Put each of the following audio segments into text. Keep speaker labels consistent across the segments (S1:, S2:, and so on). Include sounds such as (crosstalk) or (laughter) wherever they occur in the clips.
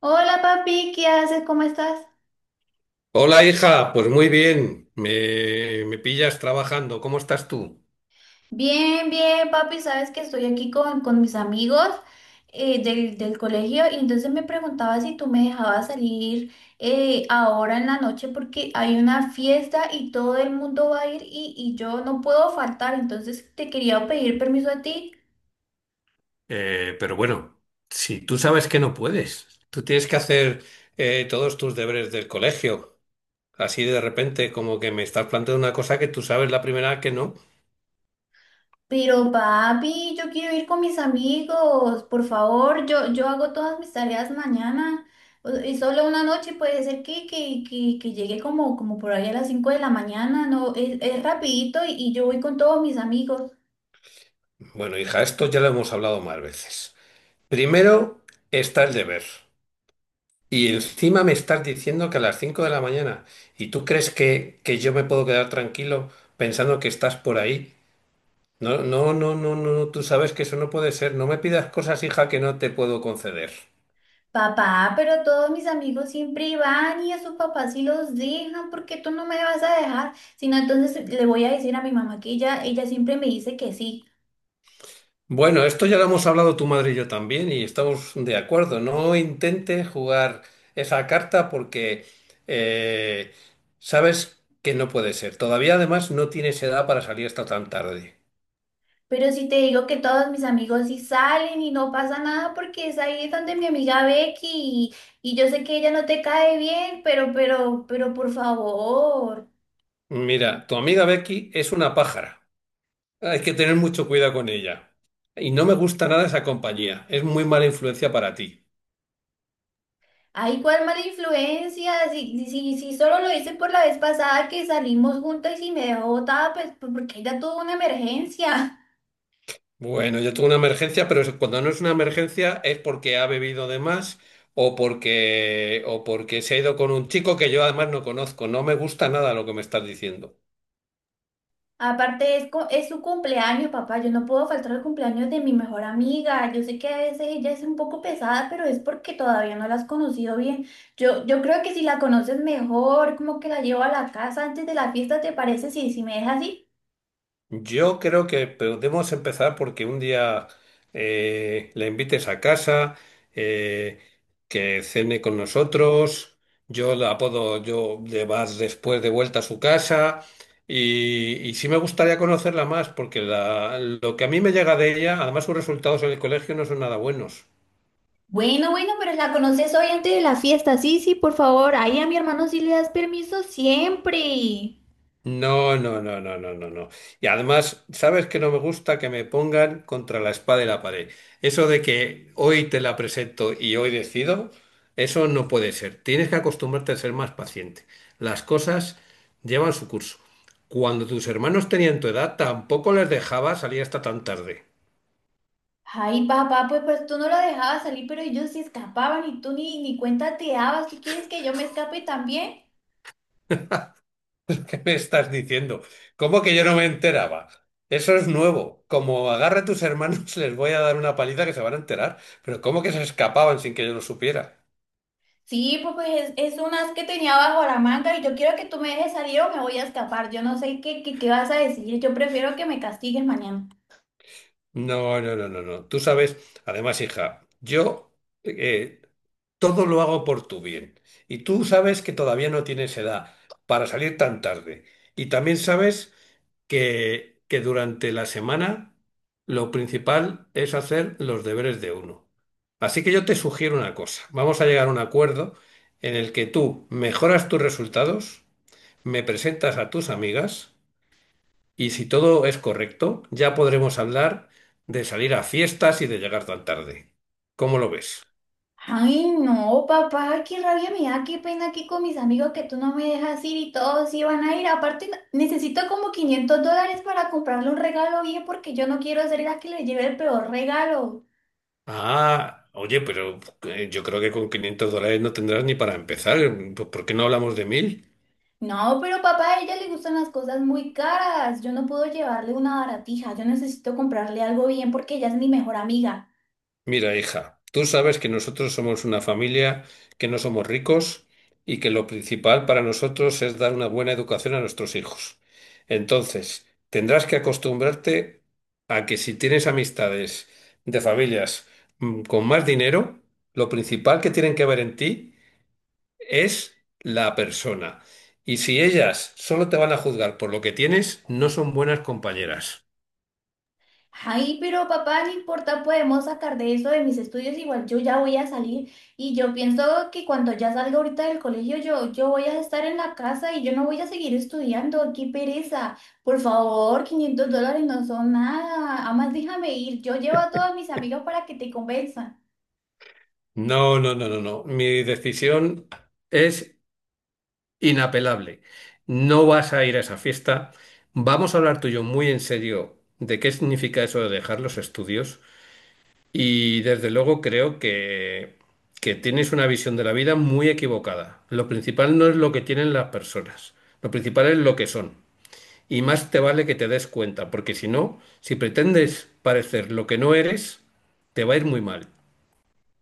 S1: Hola papi, ¿qué haces? ¿Cómo estás?
S2: Hola hija, pues muy bien, me pillas trabajando, ¿cómo estás tú?
S1: Bien, bien, papi, sabes que estoy aquí con mis amigos del colegio y entonces me preguntaba si tú me dejabas salir ahora en la noche porque hay una fiesta y todo el mundo va a ir y yo no puedo faltar, entonces te quería pedir permiso a ti.
S2: Pero bueno, si tú sabes que no puedes, tú tienes que hacer todos tus deberes del colegio, así de repente como que me estás planteando una cosa que tú sabes la primera vez que no.
S1: Pero papi, yo quiero ir con mis amigos, por favor, yo hago todas mis tareas mañana y solo una noche puede ser que llegue como por ahí a las 5 de la mañana, no, es rapidito y yo voy con todos mis amigos.
S2: Bueno hija, esto ya lo hemos hablado más veces. Primero está el deber y encima me estás diciendo que a las 5 de la mañana y tú crees que, yo me puedo quedar tranquilo pensando que estás por ahí. No, no, no, no, no, no, tú sabes que eso no puede ser. No me pidas cosas, hija, que no te puedo conceder.
S1: Papá, pero todos mis amigos siempre van y a sus papás sí los dejan, ¿por qué tú no me vas a dejar? Sino entonces le voy a decir a mi mamá que ella siempre me dice que sí.
S2: Bueno, esto ya lo hemos hablado tu madre y yo también y estamos de acuerdo. No intentes jugar esa carta porque eh, sabes que no puede ser. Todavía además no tienes edad para salir hasta tan tarde.
S1: Pero si te digo que todos mis amigos sí salen y no pasa nada porque es ahí donde mi amiga Becky y yo sé que ella no te cae bien, pero por favor.
S2: Mira, tu amiga Becky es una pájara. Hay que tener mucho cuidado con ella. Y no me gusta nada esa compañía. Es muy mala influencia para ti.
S1: Ay, cuál mala influencia. Si, si, si solo lo hice por la vez pasada que salimos juntas y me dejó botada, pues, porque ella tuvo una emergencia.
S2: Bueno, yo tengo una emergencia, pero eso- cuando no es una emergencia es porque ha bebido de más o porque se ha ido con un chico que yo además no conozco. No me gusta nada lo que me estás diciendo.
S1: Aparte, es su cumpleaños, papá. Yo no puedo faltar al cumpleaños de mi mejor amiga. Yo sé que a veces ella es un poco pesada, pero es porque todavía no la has conocido bien. Yo creo que si la conoces mejor, como que la llevo a la casa antes de la fiesta, ¿te parece? Sí, si me dejas así.
S2: Yo creo que podemos empezar porque un día la invites a casa, eh, que cene con nosotros, yo la puedo, yo le vas después de vuelta a su casa y sí me gustaría conocerla más porque lo que a mí me llega de ella, además sus resultados en el colegio no son nada buenos.
S1: Bueno, bueno, pero la conoces hoy antes de la fiesta. Sí, sí, por favor. Ahí a mi hermano sí le das permiso siempre.
S2: No, no, no, no, no, no, no. Y además, ¿sabes que no me gusta que me pongan contra la espada y la pared? Eso de que hoy te la presento y hoy decido, eso no puede ser. Tienes que acostumbrarte a ser más paciente. Las cosas llevan su curso. Cuando tus hermanos tenían tu edad, tampoco les dejaba salir hasta tan tarde.
S1: Ay, papá, pues, pues tú no lo dejabas salir, pero ellos se escapaban y tú ni cuenta te dabas. ¿Tú quieres que yo me escape también?
S2: (laughs) ¿Qué me estás diciendo? ¿Cómo que yo no me enteraba? Eso es nuevo. Como agarre a tus hermanos, (laughs) les voy a dar una paliza que se van a enterar. Pero ¿cómo que se escapaban sin que yo lo supiera?
S1: Sí, pues pues, es unas que tenía bajo la manga y yo quiero que tú me dejes salir o me voy a escapar. Yo no sé qué vas a decir. Yo prefiero que me castigues mañana.
S2: No, no, no, no, no. Tú sabes, además, hija, yo eh, todo lo hago por tu bien. Y tú sabes que todavía no tienes edad para salir tan tarde. Y también sabes que, durante la semana lo principal es hacer los deberes de uno. Así que yo te sugiero una cosa. Vamos a llegar a un acuerdo en el que tú mejoras tus resultados, me presentas a tus amigas. Y si todo es correcto, ya podremos hablar de salir a fiestas y de llegar tan tarde. ¿Cómo lo ves?
S1: Ay, no, papá, qué rabia me da, qué pena aquí con mis amigos que tú no me dejas ir y todos iban a ir. Aparte, necesito como $500 para comprarle un regalo bien porque yo no quiero ser la que le lleve el peor regalo.
S2: Ah, oye, pero yo creo que con $500 no tendrás ni para empezar. Por qué no hablamos de 1000?
S1: No, pero papá, a ella le gustan las cosas muy caras. Yo no puedo llevarle una baratija. Yo necesito comprarle algo bien porque ella es mi mejor amiga.
S2: Mira, hija, tú sabes que nosotros somos una familia, que no somos ricos y que lo principal para nosotros es dar una buena educación a nuestros hijos. Entonces, tendrás que acostumbrarte a que si tienes amistades de familias con más dinero, lo principal que tienen que ver en ti es la persona. Y si ellas solo te van a juzgar por lo que tienes, no son buenas compañeras.
S1: Ay, pero papá, no importa, podemos sacar de eso de mis estudios, igual yo ya voy a salir y yo pienso que cuando ya salga ahorita del colegio yo voy a estar en la casa y yo no voy a seguir estudiando, qué pereza, por favor, $500 no son nada, además déjame ir, yo llevo a todas mis amigos para que te convenzan.
S2: No, no, no, no, no. Mi decisión es inapelable. No vas a ir a esa fiesta. Vamos a hablar tú y yo muy en serio de qué significa eso de dejar los estudios. Y desde luego creo que, tienes una visión de la vida muy equivocada. Lo principal no es lo que tienen las personas, lo principal es lo que son. Y más te vale que te des cuenta, porque si no, si pretendes parecer lo que no eres, te va a ir muy mal.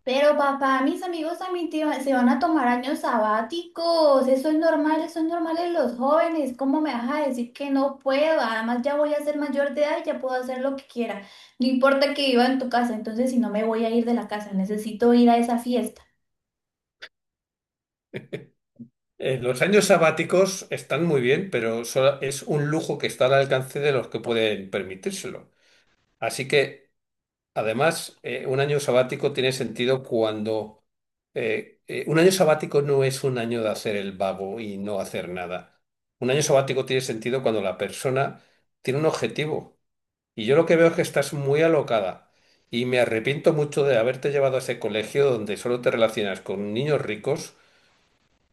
S1: Pero papá, mis amigos también se van a tomar años sabáticos. Eso es normal en los jóvenes. ¿Cómo me vas a decir que no puedo? Además ya voy a ser mayor de edad y ya puedo hacer lo que quiera. No importa que viva en tu casa, entonces si no me voy a ir de la casa, necesito ir a esa fiesta.
S2: Los años sabáticos están muy bien, pero solo- es un lujo que está al alcance de los que pueden permitírselo. Así que, además, un año sabático tiene sentido un año sabático no es un año de hacer el vago y no hacer nada. Un año sabático tiene sentido cuando la persona tiene un objetivo. Y yo lo que veo es que estás muy alocada. Y me arrepiento mucho de haberte llevado a ese colegio donde solo te relacionas con niños ricos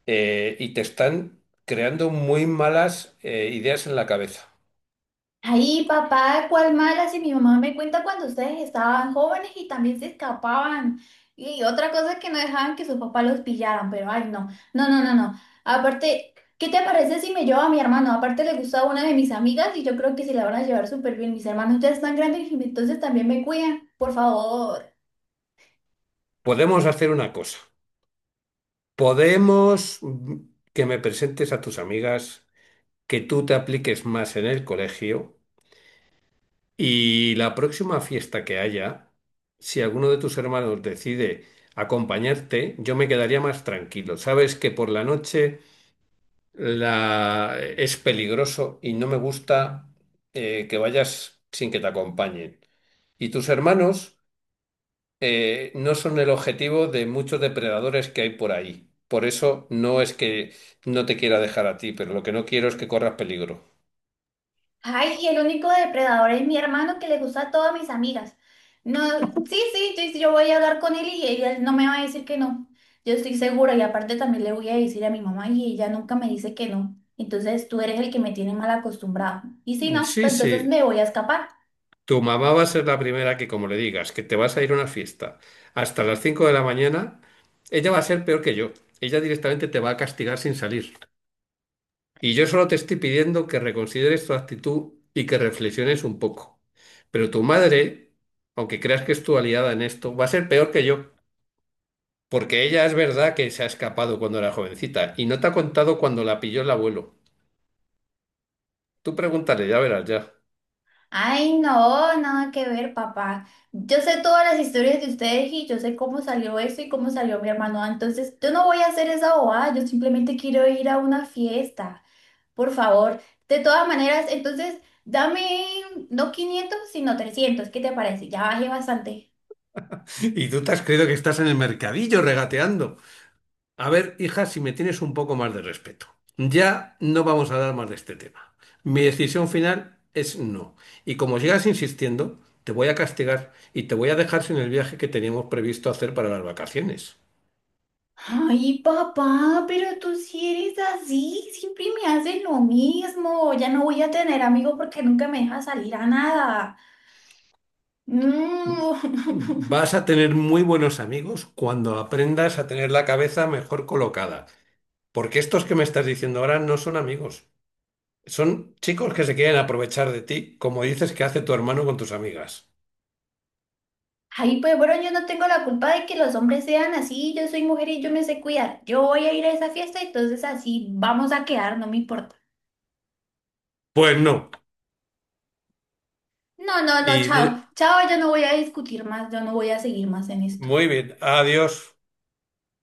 S2: y te están creando muy malas ideas en la cabeza.
S1: Ay, papá, cuál mala, si mi mamá me cuenta cuando ustedes estaban jóvenes y también se escapaban. Y otra cosa es que no dejaban que sus papás los pillaran, pero ay, no, no, no, no, no. Aparte, ¿qué te parece si me llevo a mi hermano? Aparte le gustaba una de mis amigas y yo creo que se la van a llevar súper bien. Mis hermanos ya están grandes y entonces también me cuidan. Por favor.
S2: Podemos hacer una cosa. Podemos que me presentes a tus amigas, que tú te apliques más en el colegio y la próxima fiesta que haya, si alguno de tus hermanos decide acompañarte, yo me quedaría más tranquilo. Sabes que por la noche es peligroso y no me gusta que vayas sin que te acompañen. Y tus hermanos... no son el objetivo de muchos depredadores que hay por ahí. Por eso no es que no te quiera dejar a ti, pero lo que no quiero es que corras peligro.
S1: Ay, y el único depredador es mi hermano que le gusta a todas mis amigas. No, sí, sí, sí, sí, yo voy a hablar con él y ella no me va a decir que no. Yo estoy segura y aparte también le voy a decir a mi mamá y ella nunca me dice que no. Entonces tú eres el que me tiene mal acostumbrado. Y si no,
S2: Sí,
S1: pues entonces me
S2: sí.
S1: voy a escapar.
S2: Tu mamá va a ser la primera que, como le digas, que te vas a ir a una fiesta hasta las 5 de la mañana, ella va a ser peor que yo. Ella directamente te va a castigar sin salir. Y yo solo te estoy pidiendo que reconsideres tu actitud y que reflexiones un poco. Pero tu madre, aunque creas que es tu aliada en esto, va a ser peor que yo. Porque ella es verdad que se ha escapado cuando era jovencita y no te ha contado cuando la pilló el abuelo. Tú pregúntale, ya verás ya.
S1: Ay, no, nada que ver, papá. Yo sé todas las historias de ustedes y yo sé cómo salió eso y cómo salió mi hermano. Entonces yo no voy a hacer esa bobada, yo simplemente quiero ir a una fiesta. Por favor, de todas maneras, entonces dame no 500 sino 300, ¿qué te parece? Ya bajé bastante.
S2: Y tú te has creído que estás en el mercadillo regateando. A ver, hija, si me tienes un poco más de respeto. Ya no vamos a hablar más de este tema. Mi decisión final es no. Y como sigas insistiendo, te voy a castigar y te voy a dejar sin el viaje que teníamos previsto hacer para las vacaciones.
S1: Ay, papá, pero tú sí eres así, siempre me haces lo mismo. Ya no voy a tener amigos porque nunca me dejas salir a nada. Mm.
S2: Vas a tener muy buenos amigos cuando aprendas a tener la cabeza mejor colocada. Porque estos que me estás diciendo ahora no son amigos. Son chicos que se quieren aprovechar de ti, como dices que hace tu hermano con tus amigas.
S1: (laughs) Ay, pues bueno, yo no tengo la culpa de que los hombres sean así. Yo soy mujer y yo me sé cuidar. Yo voy a ir a esa fiesta, entonces así vamos a quedar, no me importa.
S2: Pues no.
S1: No, no, no,
S2: Y di-
S1: chao. Chao, yo no voy a discutir más, yo no voy a seguir más en esto.
S2: Muy bien, adiós.